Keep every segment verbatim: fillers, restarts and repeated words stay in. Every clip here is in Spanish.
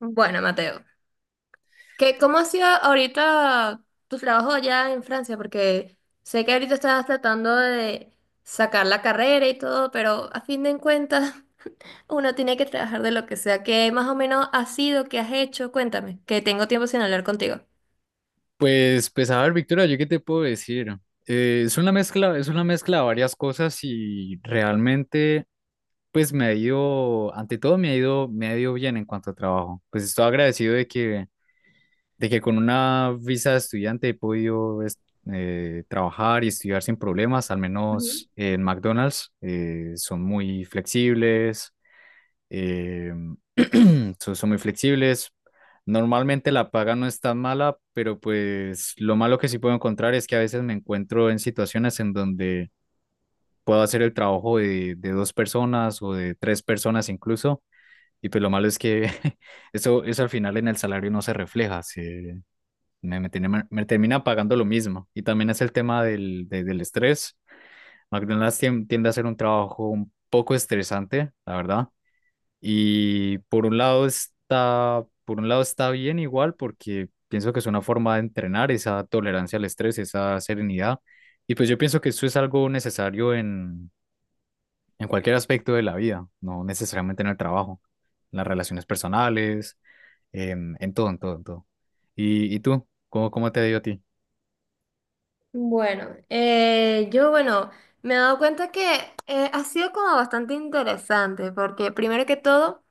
Bueno, Mateo, ¿qué, ¿cómo ha sido ahorita tu trabajo allá en Francia? Porque sé que ahorita estás tratando de sacar la carrera y todo, pero a fin de cuentas uno tiene que trabajar de lo que sea. ¿Qué más o menos ha sido, qué has hecho? Cuéntame, que tengo tiempo sin hablar contigo. Pues, pues a ver, Victoria, ¿yo qué te puedo decir? Eh, es una mezcla, es una mezcla de varias cosas y realmente, pues me ha ido, ante todo me ha ido, me ha ido bien en cuanto a trabajo. Pues estoy agradecido de que, de que con una visa de estudiante he podido es- eh, trabajar y estudiar sin problemas, al Ujú. menos en McDonald's. eh, son muy flexibles. eh, son, son muy flexibles. Normalmente la paga no es tan mala, pero pues lo malo que sí puedo encontrar es que a veces me encuentro en situaciones en donde puedo hacer el trabajo de, de dos personas o de tres personas incluso. Y pues lo malo es que eso, eso al final en el salario no se refleja. Se, me, me, tiene- me termina pagando lo mismo. Y también es el tema del, de- del estrés. McDonald's tien- tiende a ser un trabajo un poco estresante, la verdad. Y por un lado está, por un lado está bien igual porque pienso que es una forma de entrenar esa tolerancia al estrés, esa serenidad. Y pues yo pienso que eso es algo necesario en, en cualquier aspecto de la vida, no necesariamente en el trabajo, en las relaciones personales, en, en todo, en todo, en todo. ¿Y, y tú? ¿Cómo, cómo te dio a ti? Bueno, eh, yo bueno, me he dado cuenta que eh, ha sido como bastante interesante, porque primero que todo...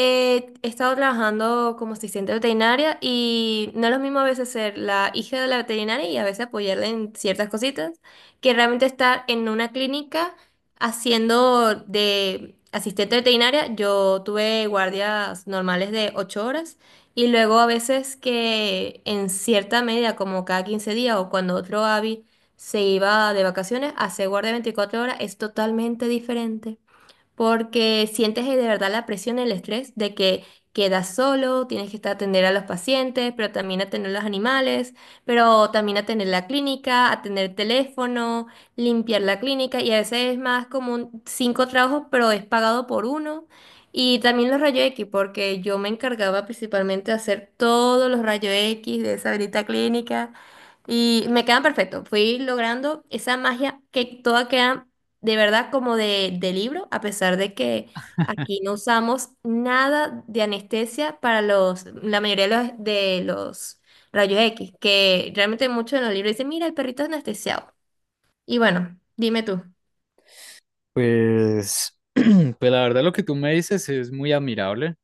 Eh, he estado trabajando como asistente veterinaria y no es lo mismo a veces ser la hija de la veterinaria y a veces apoyarla en ciertas cositas que realmente estar en una clínica haciendo de asistente veterinaria. Yo tuve guardias normales de ocho horas y luego a veces que en cierta medida, como cada quince días o cuando otro avi se iba de vacaciones, hacer guardia veinticuatro horas es totalmente diferente porque sientes de verdad la presión, el estrés de que quedas solo, tienes que estar atender a los pacientes, pero también atender a los animales, pero también atender la clínica, atender el teléfono, limpiar la clínica y a veces es más como un- cinco trabajos, pero es pagado por uno. Y también los rayos X, porque yo me encargaba principalmente de hacer todos los rayos X de esa grita clínica y me quedan perfectos. Fui logrando esa magia que toda queda de verdad como de, de libro, a pesar de que aquí no usamos nada de anestesia para los, la mayoría de los, de los rayos X, que realmente muchos en los libros dicen, mira, el perrito es anestesiado. Y bueno, dime tú. Pues, pues la verdad lo que tú me dices es muy admirable.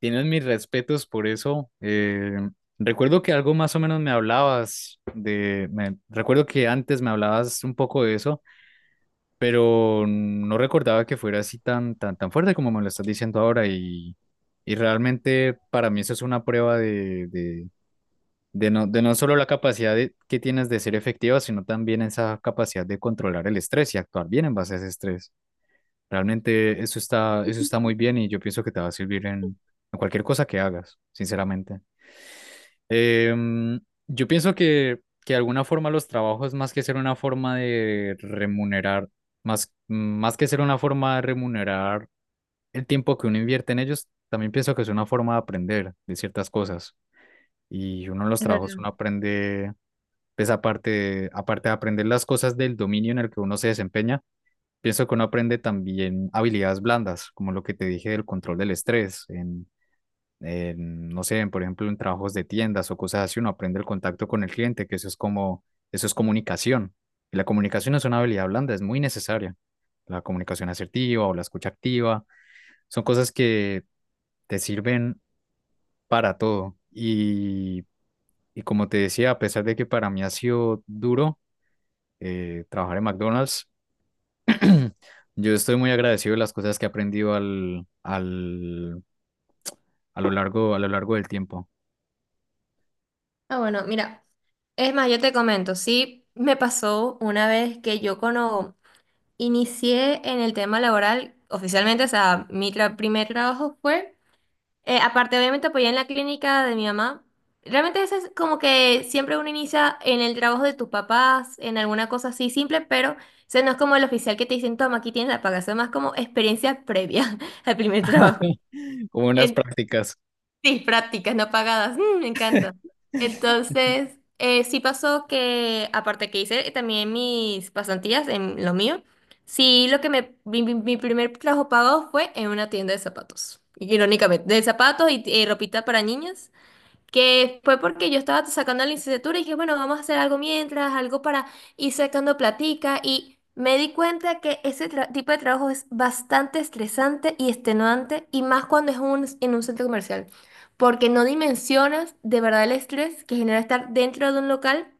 Tienes mis respetos por eso. Eh, recuerdo que algo más o menos me hablabas de, me- recuerdo que antes me hablabas un poco de eso, pero no recordaba que fuera así tan, tan, tan fuerte como me lo estás diciendo ahora y, y realmente para mí eso es una prueba de, de, de no, de no solo la capacidad de- que tienes de ser efectiva, sino también esa capacidad de controlar el estrés y actuar bien en base a ese estrés. Realmente eso está, eso está muy bien y yo pienso que te va a servir en, en cualquier cosa que hagas, sinceramente. Em, yo pienso que, que de alguna forma los trabajos, más que ser una forma de remunerar, más, más que ser una forma de remunerar el tiempo que uno invierte en ellos, también pienso que es una forma de aprender de ciertas cosas. Y uno en los Es trabajos, verdad. uno aprende, pues aparte, de- aparte de aprender las cosas del dominio en el que uno se desempeña, pienso que uno aprende también habilidades blandas, como lo que te dije del control del estrés, en, en, no sé, en, por ejemplo, en trabajos de tiendas o cosas así, uno aprende el contacto con el cliente, que eso es como, eso es comunicación. Y la comunicación es una habilidad blanda, es muy necesaria. La comunicación asertiva o la escucha activa son cosas que te sirven para todo. Y, y como te decía, a pesar de que para mí ha sido duro eh, trabajar en McDonald's, yo estoy muy agradecido de las cosas que he aprendido al, al, a lo largo, a lo largo del tiempo, Ah, bueno, mira, es más, yo te comento, sí, me pasó una vez que yo cuando inicié en el tema laboral, oficialmente, o sea, mi tra- primer trabajo fue. Eh, aparte, obviamente, apoyé en la clínica de mi mamá. Realmente eso es como que siempre uno inicia en el trabajo de tus papás, en alguna cosa así simple, pero o sea, no es como el oficial que te dicen, toma, aquí tienes la paga, eso es más como experiencia previa al primer trabajo. como en las En- prácticas. Sí, prácticas no pagadas. Mm, me encanta. Entonces, eh, sí pasó que, aparte que hice también mis pasantías en lo mío, sí lo que me, mi, mi- mi primer trabajo pagado fue en una tienda de zapatos, irónicamente, de zapatos y, y ropita para niñas, que fue porque yo estaba sacando la licenciatura y dije, bueno, vamos a hacer algo mientras, algo para ir sacando platica y me di cuenta que ese tra- tipo de trabajo es bastante estresante y extenuante y más cuando es un, en un centro comercial, porque no dimensionas de verdad el estrés que genera estar dentro de un local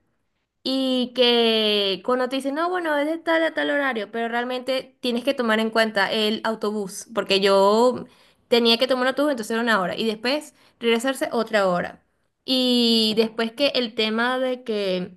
y que cuando te dicen, no, bueno, es de tal a tal horario, pero realmente tienes que tomar en cuenta el autobús, porque yo tenía que tomar un autobús, entonces era una hora, y después regresarse otra hora. Y después que el tema de que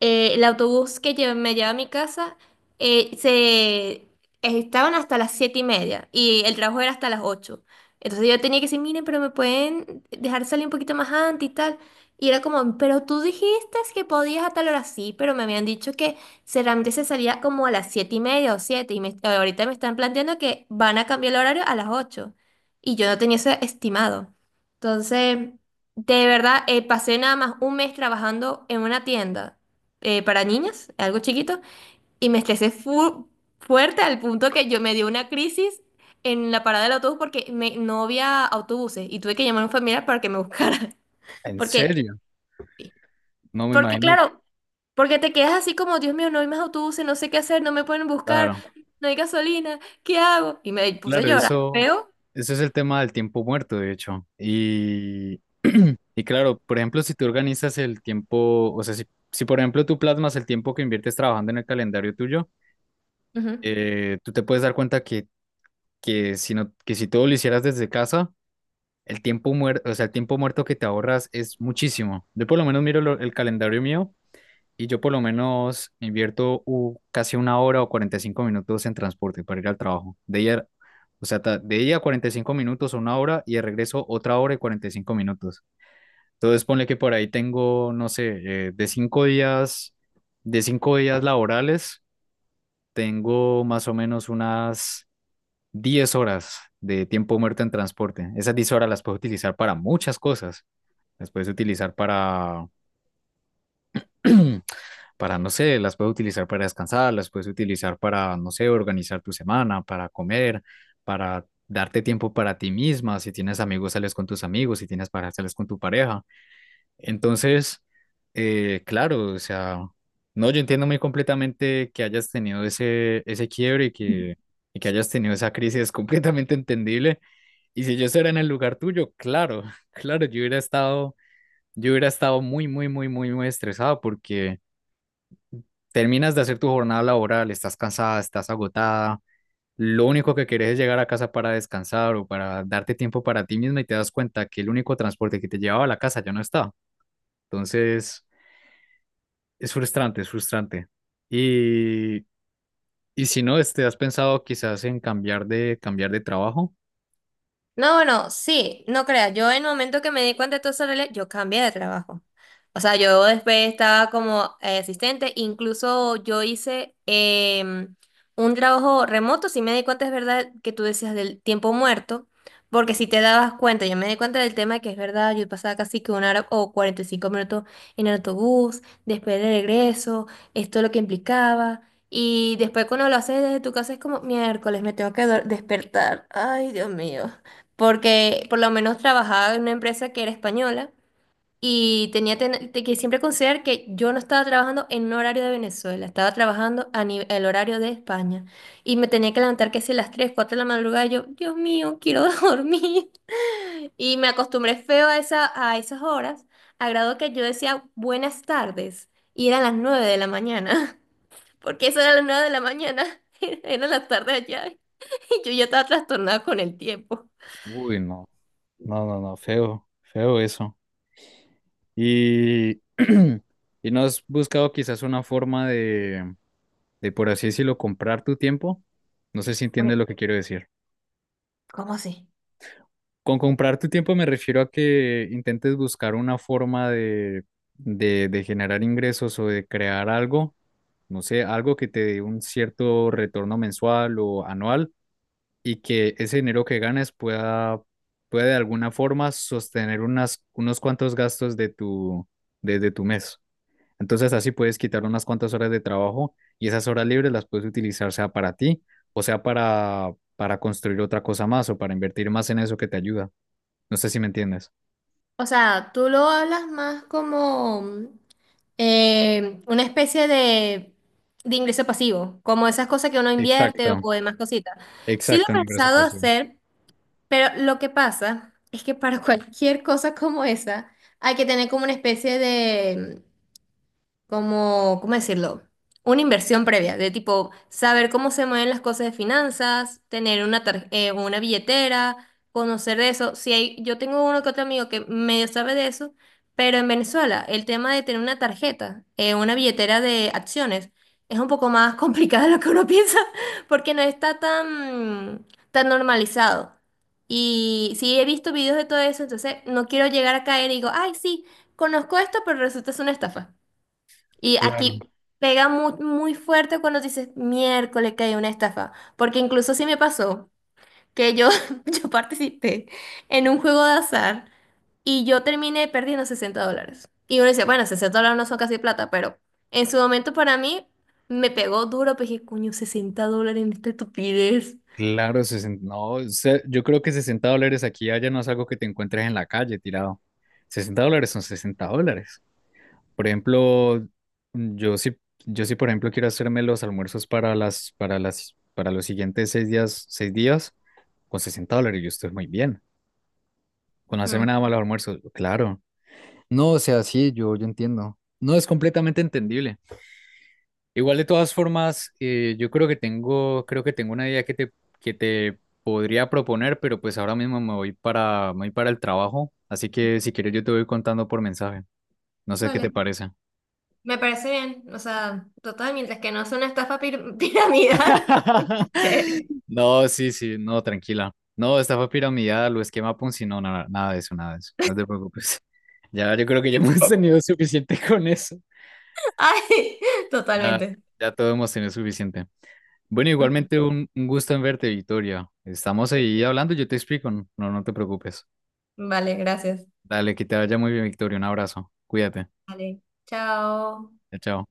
eh, el autobús que lle- me lleva a mi casa, eh, se estaban hasta las siete y media, y el trabajo era hasta las ocho. Entonces yo tenía que decir, miren, pero me pueden dejar salir un poquito más antes y tal. Y era como, pero tú dijiste que podías a tal hora, sí, pero me habían dicho que solamente se salía como a las siete y media o siete, y me- ahorita me están planteando que van a cambiar el horario a las ocho, y yo no tenía eso estimado. Entonces, de verdad, eh, pasé nada más un mes trabajando en una tienda eh, para niñas, algo chiquito, y me estresé fu- fuerte al punto que yo me dio una crisis en la parada del autobús porque me- no había autobuses, y tuve que llamar a un familiar para que me buscara, ¿En porque... serio? No me Porque imagino. claro, porque te quedas así como, Dios mío, no hay más autobuses, no sé qué hacer, no me pueden buscar, Claro, no hay gasolina, ¿qué hago? Y me puse a claro, llorar, eso, feo. eso es el tema del tiempo muerto, de hecho. Y, y claro, por ejemplo, si tú organizas el tiempo, o sea, si, si por ejemplo tú plasmas el tiempo que inviertes trabajando en el calendario tuyo, Ujú. eh, tú te puedes dar cuenta que, que si no, que si todo lo hicieras desde casa. El tiempo muerto, o sea, el tiempo muerto que te ahorras es muchísimo. Yo por lo menos miro lo- el calendario mío y yo por lo menos invierto u- casi una hora o cuarenta y cinco minutos en transporte para ir al trabajo. De ella, o sea, ta- de ella cuarenta y cinco minutos o una hora y de regreso otra hora y cuarenta y cinco minutos. Entonces ponle que por ahí tengo, no sé, eh, de cinco días, de cinco días laborales, tengo más o menos unas diez horas de tiempo muerto en transporte. Esas diez horas las puedo utilizar para muchas cosas. Las puedes utilizar para, para, no sé, las puedes utilizar para descansar, las puedes utilizar para, no sé, organizar tu semana, para comer, para darte tiempo para ti misma. Si tienes amigos, sales con tus amigos. Si tienes pareja, sales con tu pareja. Entonces, eh, claro, o sea, no, yo entiendo muy completamente que hayas tenido ese, ese quiebre y que, y que hayas tenido esa crisis. Es completamente entendible. Y si yo estuviera en el lugar tuyo, claro, claro, yo hubiera estado yo hubiera estado muy, muy, muy, muy, muy estresado porque terminas de hacer tu jornada laboral, estás cansada, estás agotada, lo único que querés es llegar a casa para descansar o para darte tiempo para ti misma y te das cuenta que el único transporte que te llevaba a la casa ya no está. Entonces, es frustrante, es frustrante. Y, y si no, este, ¿has pensado quizás en cambiar de, cambiar de trabajo? No, bueno, sí, no creas, yo en el momento que me di cuenta de todo eso, Lele, yo cambié de trabajo. O sea, yo después estaba como eh, asistente, incluso yo hice em, un trabajo remoto, si me di cuenta es verdad que tú decías del tiempo muerto, porque si te dabas cuenta, yo me di cuenta del tema que es verdad, yo pasaba casi que una hora o cuarenta y cinco minutos en el autobús, después de regreso, esto es lo que implicaba. Y después cuando lo haces desde tu casa es como miércoles, me tengo que dor- despertar. Ay, Dios mío, porque por lo menos trabajaba en una empresa que era española y tenía ten- te- que siempre considerar que yo no estaba trabajando en un horario de Venezuela, estaba trabajando a ni- el horario de España y me tenía que levantar que si a las tres cuatro de la madrugada yo, Dios mío, quiero dormir. Y me acostumbré feo a esa, a esas horas, a grado que yo decía buenas tardes y eran las nueve de la mañana, porque eso era las nueve de la mañana, eran las tardes allá y yo ya estaba trastornada con el tiempo. Uy, no, no, no, no, feo, feo eso. Y, y no has buscado quizás una forma de de por así decirlo, comprar tu tiempo. No sé si Bueno, entiendes lo que quiero decir. ¿cómo así? Con comprar tu tiempo me refiero a que intentes buscar una forma de, de, de generar ingresos o de crear algo, no sé, algo que te dé un cierto retorno mensual o anual y que ese dinero que ganes pueda, pueda de alguna forma sostener unas, unos cuantos gastos de tu, de, de tu mes. Entonces así puedes quitar unas cuantas horas de trabajo y esas horas libres las puedes utilizar sea para ti o sea para, para construir otra cosa más o para invertir más en eso que te ayuda. No sé si me entiendes. O sea, tú lo hablas más como mm, eh, una especie de, de ingreso pasivo, como esas cosas que uno invierte Exacto, o demás cositas. Sí lo exacto, he en ingreso pensado pasivo. hacer, pero lo que pasa es que para cualquier cosa como esa hay que tener como una especie de, como, ¿cómo decirlo? Una inversión previa, de tipo saber cómo se mueven las cosas de finanzas, tener una, tar- eh, una billetera, conocer de eso. Si hay, yo tengo uno que otro amigo que medio sabe de eso, pero en Venezuela el tema de tener una tarjeta, eh, una billetera de acciones, es un poco más complicado de lo que uno piensa, porque no está tan, tan normalizado. Y sí he visto videos de todo eso, entonces no quiero llegar a caer y digo, ay, sí, conozco esto, pero resulta es una estafa. Y Claro, aquí pega muy, muy fuerte cuando dices miércoles que hay una estafa, porque incluso sí me pasó que yo, yo participé en un juego de azar y yo terminé perdiendo sesenta dólares. Y uno dice, bueno, sesenta dólares no son casi plata, pero en su momento para mí me pegó duro, pues dije, coño, sesenta dólares en esta estupidez. claro, sesenta no, se- yo creo que sesenta dólares aquí y allá no es algo que te encuentres en la calle tirado. Sesenta dólares son sesenta dólares. Por ejemplo, yo sí, yo sí, por ejemplo, quiero hacerme los almuerzos para las, para las, para los siguientes seis días, seis días. Con sesenta dólares yo estoy muy bien. Con hacerme Ujú. nada más los almuerzos, claro. No, o sea, sí, yo, yo entiendo. No, es completamente entendible. Igual de todas formas, eh, yo creo que tengo, creo que tengo una idea que te, que te podría proponer, pero pues ahora mismo me voy para, me voy para el trabajo, así que si quieres yo te voy contando por mensaje. No sé qué Vale, te parece. me parece bien. O sea, total, mientras que no sea una estafa pir- piramidal. No, sí, sí, no, tranquila. No, estafa piramidal o esquema Ponzi, no, nada, nada de eso, nada de eso. No te preocupes. Ya, yo creo que ya hemos tenido suficiente con eso. Ay, Ya, totalmente. ya todo hemos tenido suficiente. Bueno, igualmente un, un gusto en verte, Victoria. Estamos ahí hablando, yo te explico, no, no te preocupes. Vale, gracias. Dale, que te vaya muy bien, Victoria. Un abrazo. Cuídate. Vale, chao. Chao, chao.